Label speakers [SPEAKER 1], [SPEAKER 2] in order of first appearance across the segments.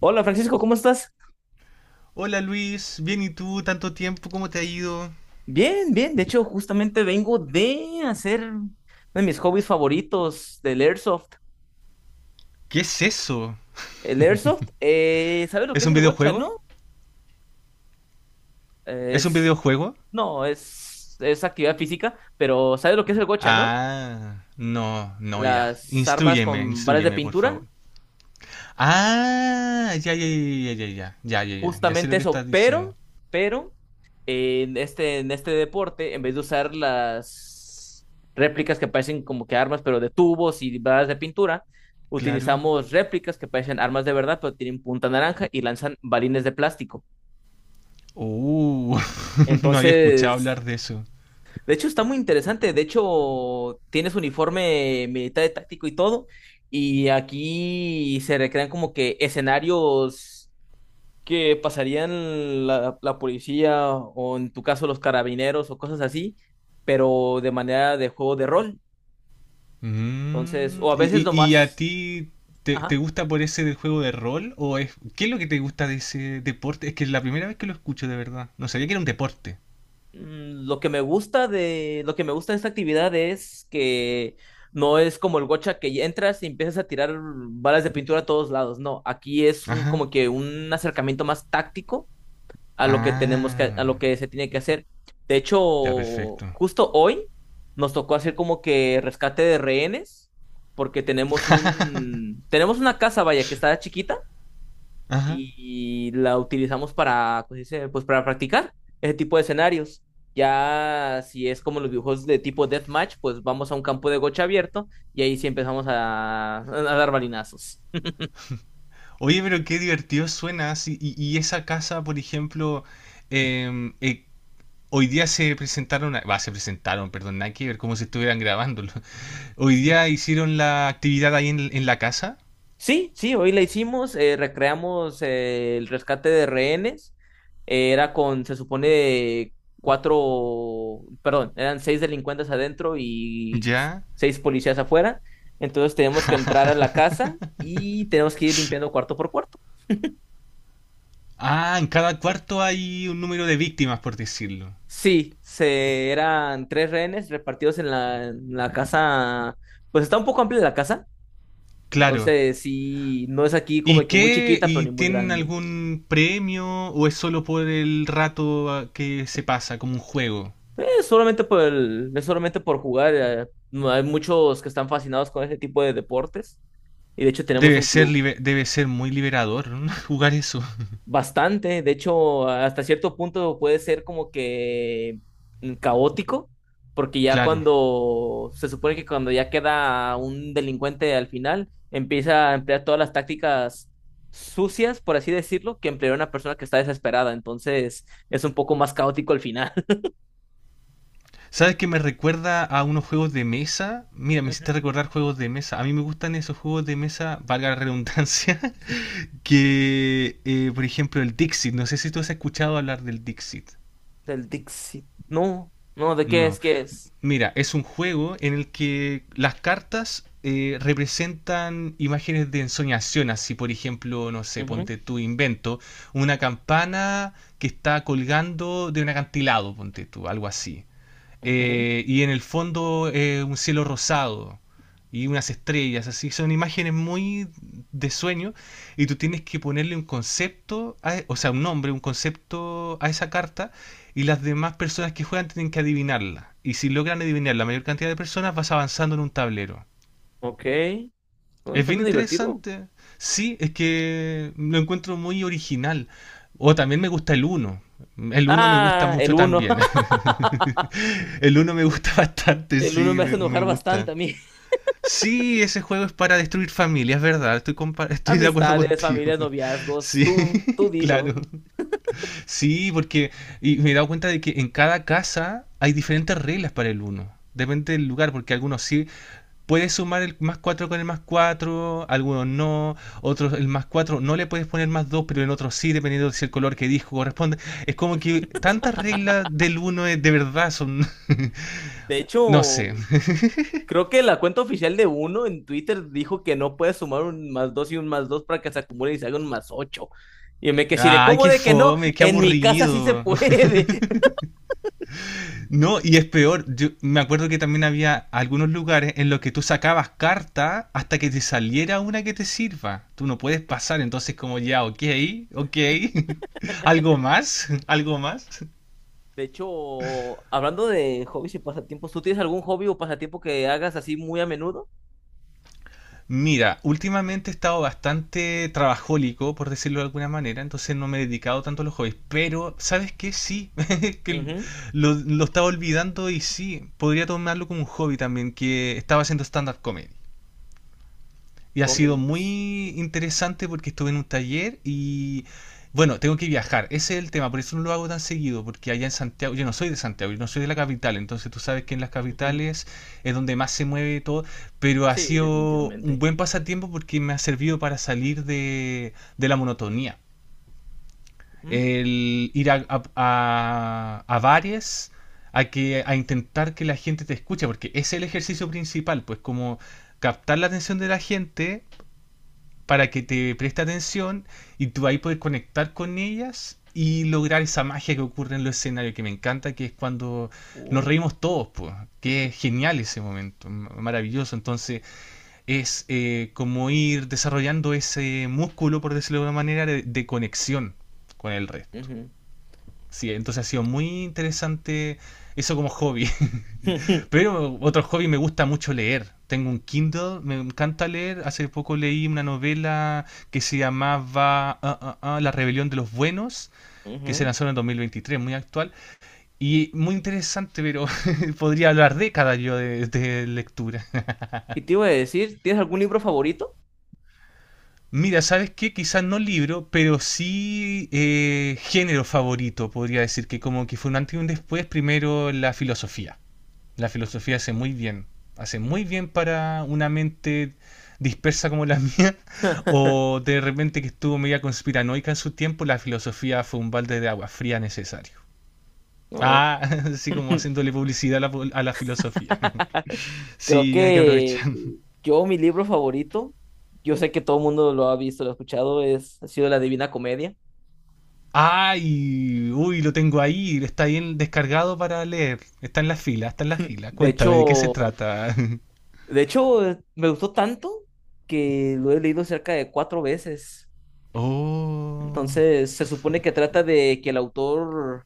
[SPEAKER 1] Hola Francisco, ¿cómo estás?
[SPEAKER 2] Hola Luis, bien y tú, tanto tiempo, ¿cómo te ha ido?
[SPEAKER 1] Bien, bien. De hecho, justamente vengo de hacer uno de mis hobbies favoritos del Airsoft.
[SPEAKER 2] ¿Qué es eso?
[SPEAKER 1] El Airsoft, ¿sabes lo que
[SPEAKER 2] ¿Es
[SPEAKER 1] es
[SPEAKER 2] un
[SPEAKER 1] el gocha,
[SPEAKER 2] videojuego?
[SPEAKER 1] no? Eh,
[SPEAKER 2] ¿Es un
[SPEAKER 1] es,
[SPEAKER 2] videojuego?
[SPEAKER 1] no, es actividad física, pero ¿sabes lo que es el gocha, no?
[SPEAKER 2] Ah, no, no, ya.
[SPEAKER 1] Las armas
[SPEAKER 2] Instrúyeme,
[SPEAKER 1] con balas de
[SPEAKER 2] instrúyeme, por
[SPEAKER 1] pintura,
[SPEAKER 2] favor. Ah, ya, ya, ya, ya, ya, ya, ya, ya, ya, ya sé
[SPEAKER 1] justamente
[SPEAKER 2] lo que
[SPEAKER 1] eso,
[SPEAKER 2] estás diciendo.
[SPEAKER 1] pero en este deporte, en vez de usar las réplicas que parecen como que armas, pero de tubos y balas de pintura,
[SPEAKER 2] Claro.
[SPEAKER 1] utilizamos réplicas que parecen armas de verdad, pero tienen punta naranja y lanzan balines de plástico.
[SPEAKER 2] Uh, no había escuchado
[SPEAKER 1] Entonces,
[SPEAKER 2] hablar de eso.
[SPEAKER 1] de hecho, está muy interesante. De hecho, tienes uniforme militar y táctico y todo. Y aquí se recrean como que escenarios que pasarían la policía o en tu caso los carabineros o cosas así, pero de manera de juego de rol. Entonces,
[SPEAKER 2] Mm,
[SPEAKER 1] o a
[SPEAKER 2] ¿Y,
[SPEAKER 1] veces
[SPEAKER 2] y- y a
[SPEAKER 1] nomás,
[SPEAKER 2] ti te, te
[SPEAKER 1] ajá.
[SPEAKER 2] gusta por ese del juego de rol? ¿O es, qué es lo que te gusta de ese deporte? Es que es la primera vez que lo escucho de verdad. No sabía que era un deporte.
[SPEAKER 1] Lo que me gusta de esta actividad es que no es como el gocha que ya entras y empiezas a tirar balas de pintura a todos lados, no, aquí es un
[SPEAKER 2] Ajá.
[SPEAKER 1] como que un acercamiento más táctico a lo
[SPEAKER 2] Ah,
[SPEAKER 1] que se tiene que hacer. De hecho,
[SPEAKER 2] ya perfecto.
[SPEAKER 1] justo hoy nos tocó hacer como que rescate de rehenes, porque tenemos una casa, vaya, que está chiquita
[SPEAKER 2] Ajá.
[SPEAKER 1] y la utilizamos para, pues, dice, pues para practicar ese tipo de escenarios. Ya si es como los videojuegos de tipo deathmatch, pues vamos a un campo de gocha abierto y ahí sí empezamos a dar balinazos.
[SPEAKER 2] Oye, pero qué divertido suena. Sí, y esa casa, por ejemplo, em, eh, hoy día se presentaron, a- va, se presentaron, perdón, nada que ver, como si estuvieran grabándolo. Hoy día hicieron la actividad ahí en la casa.
[SPEAKER 1] Sí, sí, hoy la hicimos, recreamos el rescate de rehenes. Era con, se supone, cuatro, perdón, eran seis delincuentes adentro y
[SPEAKER 2] Ya.
[SPEAKER 1] seis policías afuera. Entonces tenemos que entrar a la casa y tenemos que ir limpiando cuarto por cuarto.
[SPEAKER 2] Ah, en cada cuarto hay un número de víctimas, por decirlo.
[SPEAKER 1] Sí, eran tres rehenes repartidos en la casa, pues está un poco amplia la casa.
[SPEAKER 2] Claro.
[SPEAKER 1] Entonces, sí, no es aquí como
[SPEAKER 2] ¿Y
[SPEAKER 1] que muy
[SPEAKER 2] qué?
[SPEAKER 1] chiquita, pero
[SPEAKER 2] ¿Y
[SPEAKER 1] ni muy
[SPEAKER 2] tienen
[SPEAKER 1] grande.
[SPEAKER 2] algún premio o es solo por el rato ah, que se pasa, como un juego?
[SPEAKER 1] Es solamente por jugar. No, hay muchos que están fascinados con ese tipo de deportes. Y de hecho tenemos
[SPEAKER 2] Debe
[SPEAKER 1] un
[SPEAKER 2] ser,
[SPEAKER 1] club
[SPEAKER 2] liber- debe ser muy liberador, ¿no? jugar eso.
[SPEAKER 1] bastante. De hecho, hasta cierto punto puede ser como que caótico. Porque ya
[SPEAKER 2] Claro.
[SPEAKER 1] cuando se supone que cuando ya queda un delincuente al final, empieza a emplear todas las tácticas sucias, por así decirlo, que emplearía una persona que está desesperada. Entonces es un poco más caótico al final.
[SPEAKER 2] ¿Sabes que me recuerda a unos juegos de mesa? Mira, me
[SPEAKER 1] Ujú.
[SPEAKER 2] hiciste recordar juegos de mesa. A mí me gustan esos juegos de mesa, valga la redundancia, que, por ejemplo, el Dixit. No sé si tú has escuchado hablar del Dixit.
[SPEAKER 1] Del Dixie. No, no, ¿de qué
[SPEAKER 2] No.
[SPEAKER 1] es? ¿Qué es?
[SPEAKER 2] Mira, es un juego en el que las cartas representan imágenes de ensoñación, así por ejemplo, no sé,
[SPEAKER 1] Ujú,
[SPEAKER 2] ponte tú invento, una campana que está colgando de un acantilado, ponte tú, algo así,
[SPEAKER 1] ujú.
[SPEAKER 2] y en el fondo un cielo rosado y unas estrellas, así son imágenes muy de sueño, y tú tienes que ponerle un concepto, a- e, o sea, un nombre, un concepto a esa carta y las demás personas que juegan tienen que adivinarla. Y si logran adivinar la mayor cantidad de personas vas avanzando en un tablero.
[SPEAKER 1] Ok. Bueno,
[SPEAKER 2] Es bien
[SPEAKER 1] suena divertido.
[SPEAKER 2] interesante. Sí, es que lo encuentro muy original. O también me gusta el uno. El uno me gusta
[SPEAKER 1] Ah, el
[SPEAKER 2] mucho
[SPEAKER 1] uno.
[SPEAKER 2] también. El uno me gusta bastante,
[SPEAKER 1] El uno
[SPEAKER 2] sí,
[SPEAKER 1] me hace
[SPEAKER 2] me
[SPEAKER 1] enojar bastante
[SPEAKER 2] gusta.
[SPEAKER 1] a mí.
[SPEAKER 2] Sí, ese juego es para destruir familias, es verdad. Estoy, compa- estoy de acuerdo
[SPEAKER 1] Amistades,
[SPEAKER 2] contigo.
[SPEAKER 1] familias, noviazgos,
[SPEAKER 2] Sí,
[SPEAKER 1] tú dilo.
[SPEAKER 2] claro. Sí, porque y me he dado cuenta de que en cada casa hay diferentes reglas para el uno. Depende del lugar, porque algunos sí puedes sumar el más 4 con el más 4, algunos no, otros el más 4 no le puedes poner más 2, pero en otros sí, dependiendo de si el color que dijo corresponde. Es como que tantas reglas del 1 de verdad son...
[SPEAKER 1] De
[SPEAKER 2] no
[SPEAKER 1] hecho,
[SPEAKER 2] sé.
[SPEAKER 1] creo que la cuenta oficial de uno en Twitter dijo que no puedes sumar un más dos y un más dos para que se acumule y se haga un más ocho. Y yo me quedé así de,
[SPEAKER 2] Ay,
[SPEAKER 1] ¿cómo
[SPEAKER 2] qué
[SPEAKER 1] de que no?
[SPEAKER 2] fome, qué
[SPEAKER 1] En mi casa sí se
[SPEAKER 2] aburrido.
[SPEAKER 1] puede.
[SPEAKER 2] No, y es peor, yo me acuerdo que también había algunos lugares en los que tú sacabas carta hasta que te saliera una que te sirva. Tú no puedes pasar, entonces como ya, ok, ok. ¿Algo más? ¿Algo más?
[SPEAKER 1] De hecho, hablando de hobbies y pasatiempos, ¿tú tienes algún hobby o pasatiempo que hagas así muy a menudo?
[SPEAKER 2] Mira, últimamente he estado bastante trabajólico, por decirlo de alguna manera, entonces no me he dedicado tanto a los hobbies, pero ¿sabes qué? Sí, que lo estaba olvidando y sí, podría tomarlo como un hobby también, que estaba haciendo stand-up comedy. Y ha sido
[SPEAKER 1] Cómics.
[SPEAKER 2] muy interesante porque estuve en un taller y bueno, tengo que viajar. Ese es el tema, por eso no lo hago tan seguido, porque allá en Santiago, yo no soy de Santiago, yo no soy de la capital, entonces tú sabes que en las
[SPEAKER 1] Ujú.
[SPEAKER 2] capitales es donde más se mueve todo, pero ha
[SPEAKER 1] Sí,
[SPEAKER 2] sido un
[SPEAKER 1] definitivamente.
[SPEAKER 2] buen pasatiempo porque me ha servido para salir de la monotonía.
[SPEAKER 1] Mm,
[SPEAKER 2] El ir a bares, a, que, a intentar que la gente te escuche, porque ese es el ejercicio principal, pues como captar la atención de la gente para que te preste atención y tú ahí puedes conectar con ellas y lograr esa magia que ocurre en los escenarios, que me encanta, que es cuando nos
[SPEAKER 1] uh,
[SPEAKER 2] reímos todos, pues, que es genial ese momento, maravilloso. Entonces es como ir desarrollando ese músculo, por decirlo de alguna manera, de conexión con el resto.
[SPEAKER 1] ujú.
[SPEAKER 2] Sí, entonces ha sido muy interesante eso como hobby. Pero otro hobby me gusta mucho leer. Tengo un Kindle, me encanta leer. Hace poco leí una novela que se llamaba La Rebelión de los Buenos, que se
[SPEAKER 1] Ujú.
[SPEAKER 2] lanzó en el 2023, muy actual. Y muy interesante, pero podría hablar décadas yo de lectura.
[SPEAKER 1] Y te iba a decir, ¿tienes algún libro favorito?
[SPEAKER 2] Mira, ¿sabes qué? Quizás no libro, pero sí género favorito, podría decir que como que fue un antes y un después, primero la filosofía. La filosofía hace muy bien. Hace muy bien para una mente dispersa como la mía, o de repente que estuvo media conspiranoica en su tiempo, la filosofía fue un balde de agua fría necesario.
[SPEAKER 1] No.
[SPEAKER 2] Ah, así como haciéndole publicidad a la filosofía.
[SPEAKER 1] Creo
[SPEAKER 2] Sí, hay que
[SPEAKER 1] que
[SPEAKER 2] aprovechar.
[SPEAKER 1] yo, mi libro favorito, yo sé que todo el mundo lo ha visto, lo ha escuchado, ha sido La Divina Comedia.
[SPEAKER 2] Ay, uy, lo tengo ahí, está bien descargado para leer. Está en la fila, está en la fila.
[SPEAKER 1] De
[SPEAKER 2] Cuéntame, ¿de qué se
[SPEAKER 1] hecho,
[SPEAKER 2] trata?
[SPEAKER 1] de hecho, me gustó tanto que lo he leído cerca de cuatro veces.
[SPEAKER 2] Oh.
[SPEAKER 1] Entonces, se supone que trata de que el autor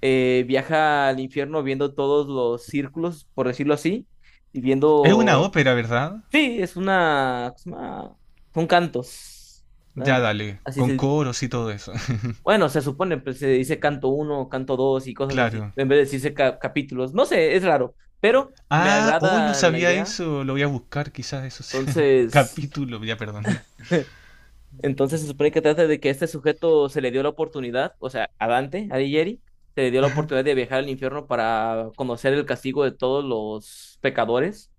[SPEAKER 1] viaja al infierno viendo todos los círculos, por decirlo así, y
[SPEAKER 2] ¿Es una
[SPEAKER 1] viendo...
[SPEAKER 2] ópera, verdad?
[SPEAKER 1] Sí, son cantos.
[SPEAKER 2] Ya
[SPEAKER 1] Ah,
[SPEAKER 2] dale,
[SPEAKER 1] así
[SPEAKER 2] con
[SPEAKER 1] se...
[SPEAKER 2] coros y todo eso.
[SPEAKER 1] Bueno, se supone, pues se dice canto uno, canto dos y cosas así,
[SPEAKER 2] Claro.
[SPEAKER 1] en vez de decirse capítulos. No sé, es raro, pero me
[SPEAKER 2] Ah, hoy no
[SPEAKER 1] agrada la
[SPEAKER 2] sabía
[SPEAKER 1] idea.
[SPEAKER 2] eso. Lo voy a buscar, quizás eso sea.
[SPEAKER 1] Entonces...
[SPEAKER 2] Capítulo, ya perdón.
[SPEAKER 1] Entonces se supone que trata de que este sujeto se le dio la oportunidad, o sea, a Dante, a Alighieri, se le dio la oportunidad de viajar al infierno para conocer el castigo de todos los pecadores.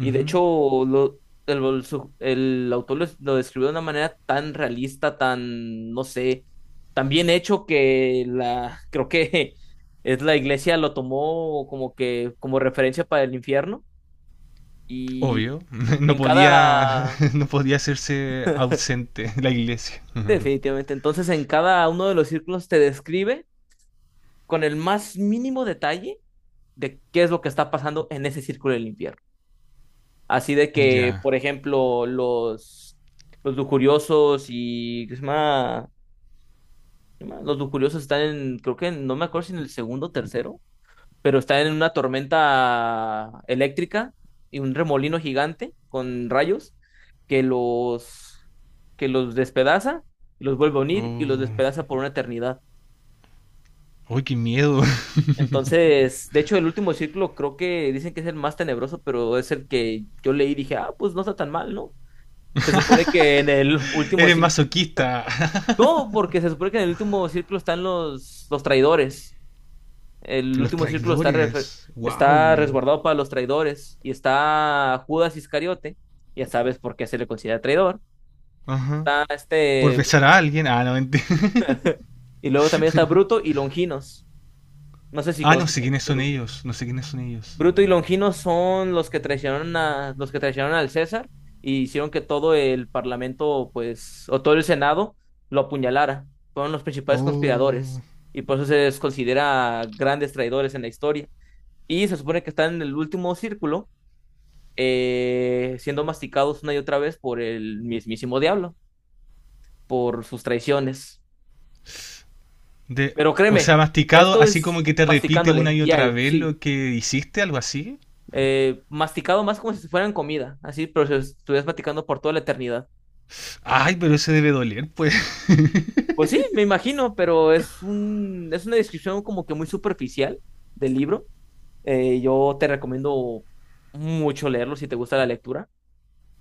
[SPEAKER 1] Y de hecho, lo- el autor lo describió de una manera tan realista, tan, no sé, tan bien hecho que creo que es la iglesia lo tomó como que, como referencia para el infierno. Y
[SPEAKER 2] Obvio, no
[SPEAKER 1] en
[SPEAKER 2] podía,
[SPEAKER 1] cada,
[SPEAKER 2] no podía hacerse ausente la iglesia.
[SPEAKER 1] Definitivamente. Entonces, en cada uno de los círculos te describe con el más mínimo detalle de qué es lo que está pasando en ese círculo del infierno. Así de que,
[SPEAKER 2] Ya.
[SPEAKER 1] por ejemplo, los lujuriosos y ¿qué se llama? ¿Qué se llama? Los lujuriosos están en, creo que no me acuerdo si en el segundo o tercero, pero están en una tormenta eléctrica y un remolino gigante con rayos que los, que los despedaza, los vuelve a unir y los
[SPEAKER 2] Oh.
[SPEAKER 1] despedaza por una eternidad.
[SPEAKER 2] Uy, qué miedo.
[SPEAKER 1] Entonces, de hecho, el último círculo creo que dicen que es el más tenebroso, pero es el que yo leí y dije, ah, pues no está tan mal, ¿no? Se supone que en el último
[SPEAKER 2] Eres
[SPEAKER 1] círculo,
[SPEAKER 2] masoquista.
[SPEAKER 1] no, porque se supone que en el último círculo están los traidores. El
[SPEAKER 2] Los
[SPEAKER 1] último círculo está, refer-
[SPEAKER 2] traidores.
[SPEAKER 1] está
[SPEAKER 2] Wow.
[SPEAKER 1] resguardado para los traidores y está Judas Iscariote, ya sabes por qué se le considera traidor.
[SPEAKER 2] Ajá.
[SPEAKER 1] Está
[SPEAKER 2] Por
[SPEAKER 1] este,
[SPEAKER 2] besar a alguien. Ah, no mentira.
[SPEAKER 1] y luego también está Bruto y Longinos. No sé si
[SPEAKER 2] Ah, no
[SPEAKER 1] conozcas
[SPEAKER 2] sé
[SPEAKER 1] a
[SPEAKER 2] quiénes
[SPEAKER 1] Bruto y
[SPEAKER 2] son
[SPEAKER 1] Longinos.
[SPEAKER 2] ellos. No sé quiénes son ellos.
[SPEAKER 1] Bruto y Longino son los que traicionaron a los que traicionaron al César y hicieron que todo el parlamento, pues, o todo el Senado lo apuñalara. Fueron los principales
[SPEAKER 2] Oh.
[SPEAKER 1] conspiradores y por eso se les considera grandes traidores en la historia. Y se supone que están en el último círculo, siendo masticados una y otra vez por el mismísimo diablo, por sus traiciones.
[SPEAKER 2] De,
[SPEAKER 1] Pero
[SPEAKER 2] o sea,
[SPEAKER 1] créeme,
[SPEAKER 2] masticado,
[SPEAKER 1] esto
[SPEAKER 2] así como
[SPEAKER 1] es
[SPEAKER 2] que te repite una
[SPEAKER 1] masticándole
[SPEAKER 2] y otra
[SPEAKER 1] diario,
[SPEAKER 2] vez
[SPEAKER 1] sí.
[SPEAKER 2] lo que hiciste, algo así.
[SPEAKER 1] Masticado más como si fueran comida, así, pero si estuvieras masticando por toda la eternidad.
[SPEAKER 2] Ay, pero ese debe doler, pues.
[SPEAKER 1] Pues sí, me imagino, pero es una descripción como que muy superficial del libro. Yo te recomiendo mucho leerlo si te gusta la lectura.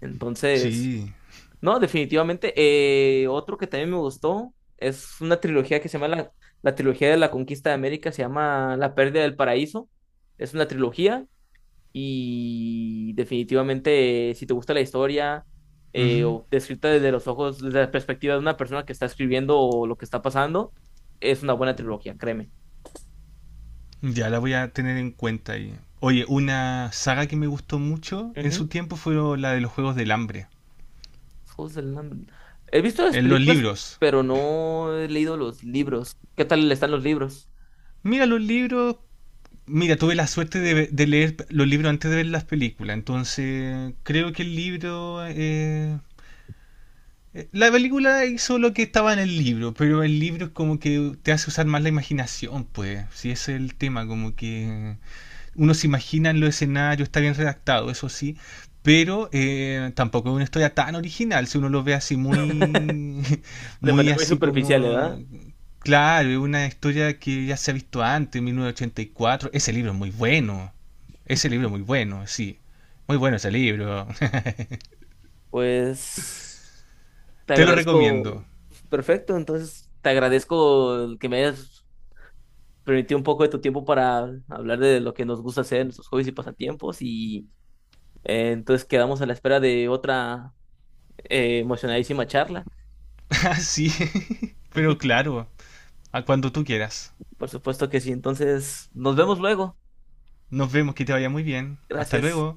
[SPEAKER 1] Entonces,
[SPEAKER 2] Sí.
[SPEAKER 1] no, definitivamente. Otro que también me gustó es una trilogía que se llama la trilogía de la conquista de América, se llama La pérdida del paraíso. Es una trilogía. Y definitivamente, si te gusta la historia,
[SPEAKER 2] Ujú.
[SPEAKER 1] o descrita desde los ojos, desde la perspectiva de una persona que está escribiendo o lo que está pasando, es una buena trilogía, créeme.
[SPEAKER 2] Ya la voy a tener en cuenta ahí. Oye, una saga que me gustó mucho en
[SPEAKER 1] Ujú.
[SPEAKER 2] su tiempo fue la de los Juegos del Hambre.
[SPEAKER 1] Los Juegos del Hambre. He visto las
[SPEAKER 2] En los
[SPEAKER 1] películas,
[SPEAKER 2] libros.
[SPEAKER 1] pero no he leído los libros. ¿Qué tal están los libros?
[SPEAKER 2] Mira, los libros. Mira, tuve la suerte de, ve- de leer los libros antes de ver las películas. Entonces, creo que el libro. La película hizo lo que estaba en el libro, pero el libro es como que te hace usar más la imaginación, pues. Si ese es el tema, como que uno se imagina en los escenarios, está bien redactado, eso sí, pero tampoco es una historia tan original, si uno lo ve así muy,
[SPEAKER 1] De
[SPEAKER 2] muy
[SPEAKER 1] manera muy
[SPEAKER 2] así
[SPEAKER 1] superficial,
[SPEAKER 2] como...
[SPEAKER 1] ¿verdad?
[SPEAKER 2] Claro, es una historia que ya se ha visto antes, en 1984. Ese libro es muy bueno. Ese libro es muy bueno, sí. Muy bueno ese libro.
[SPEAKER 1] Pues te
[SPEAKER 2] Te lo
[SPEAKER 1] agradezco.
[SPEAKER 2] recomiendo.
[SPEAKER 1] Perfecto, entonces te agradezco que me hayas permitir un poco de tu tiempo para hablar de lo que nos gusta hacer, nuestros hobbies y pasatiempos. Y entonces quedamos a la espera de otra emocionadísima charla.
[SPEAKER 2] Sí, pero claro, a cuando tú quieras.
[SPEAKER 1] Por supuesto que sí. Entonces, nos vemos luego.
[SPEAKER 2] Nos vemos, que te vaya muy bien. Hasta
[SPEAKER 1] Gracias.
[SPEAKER 2] luego.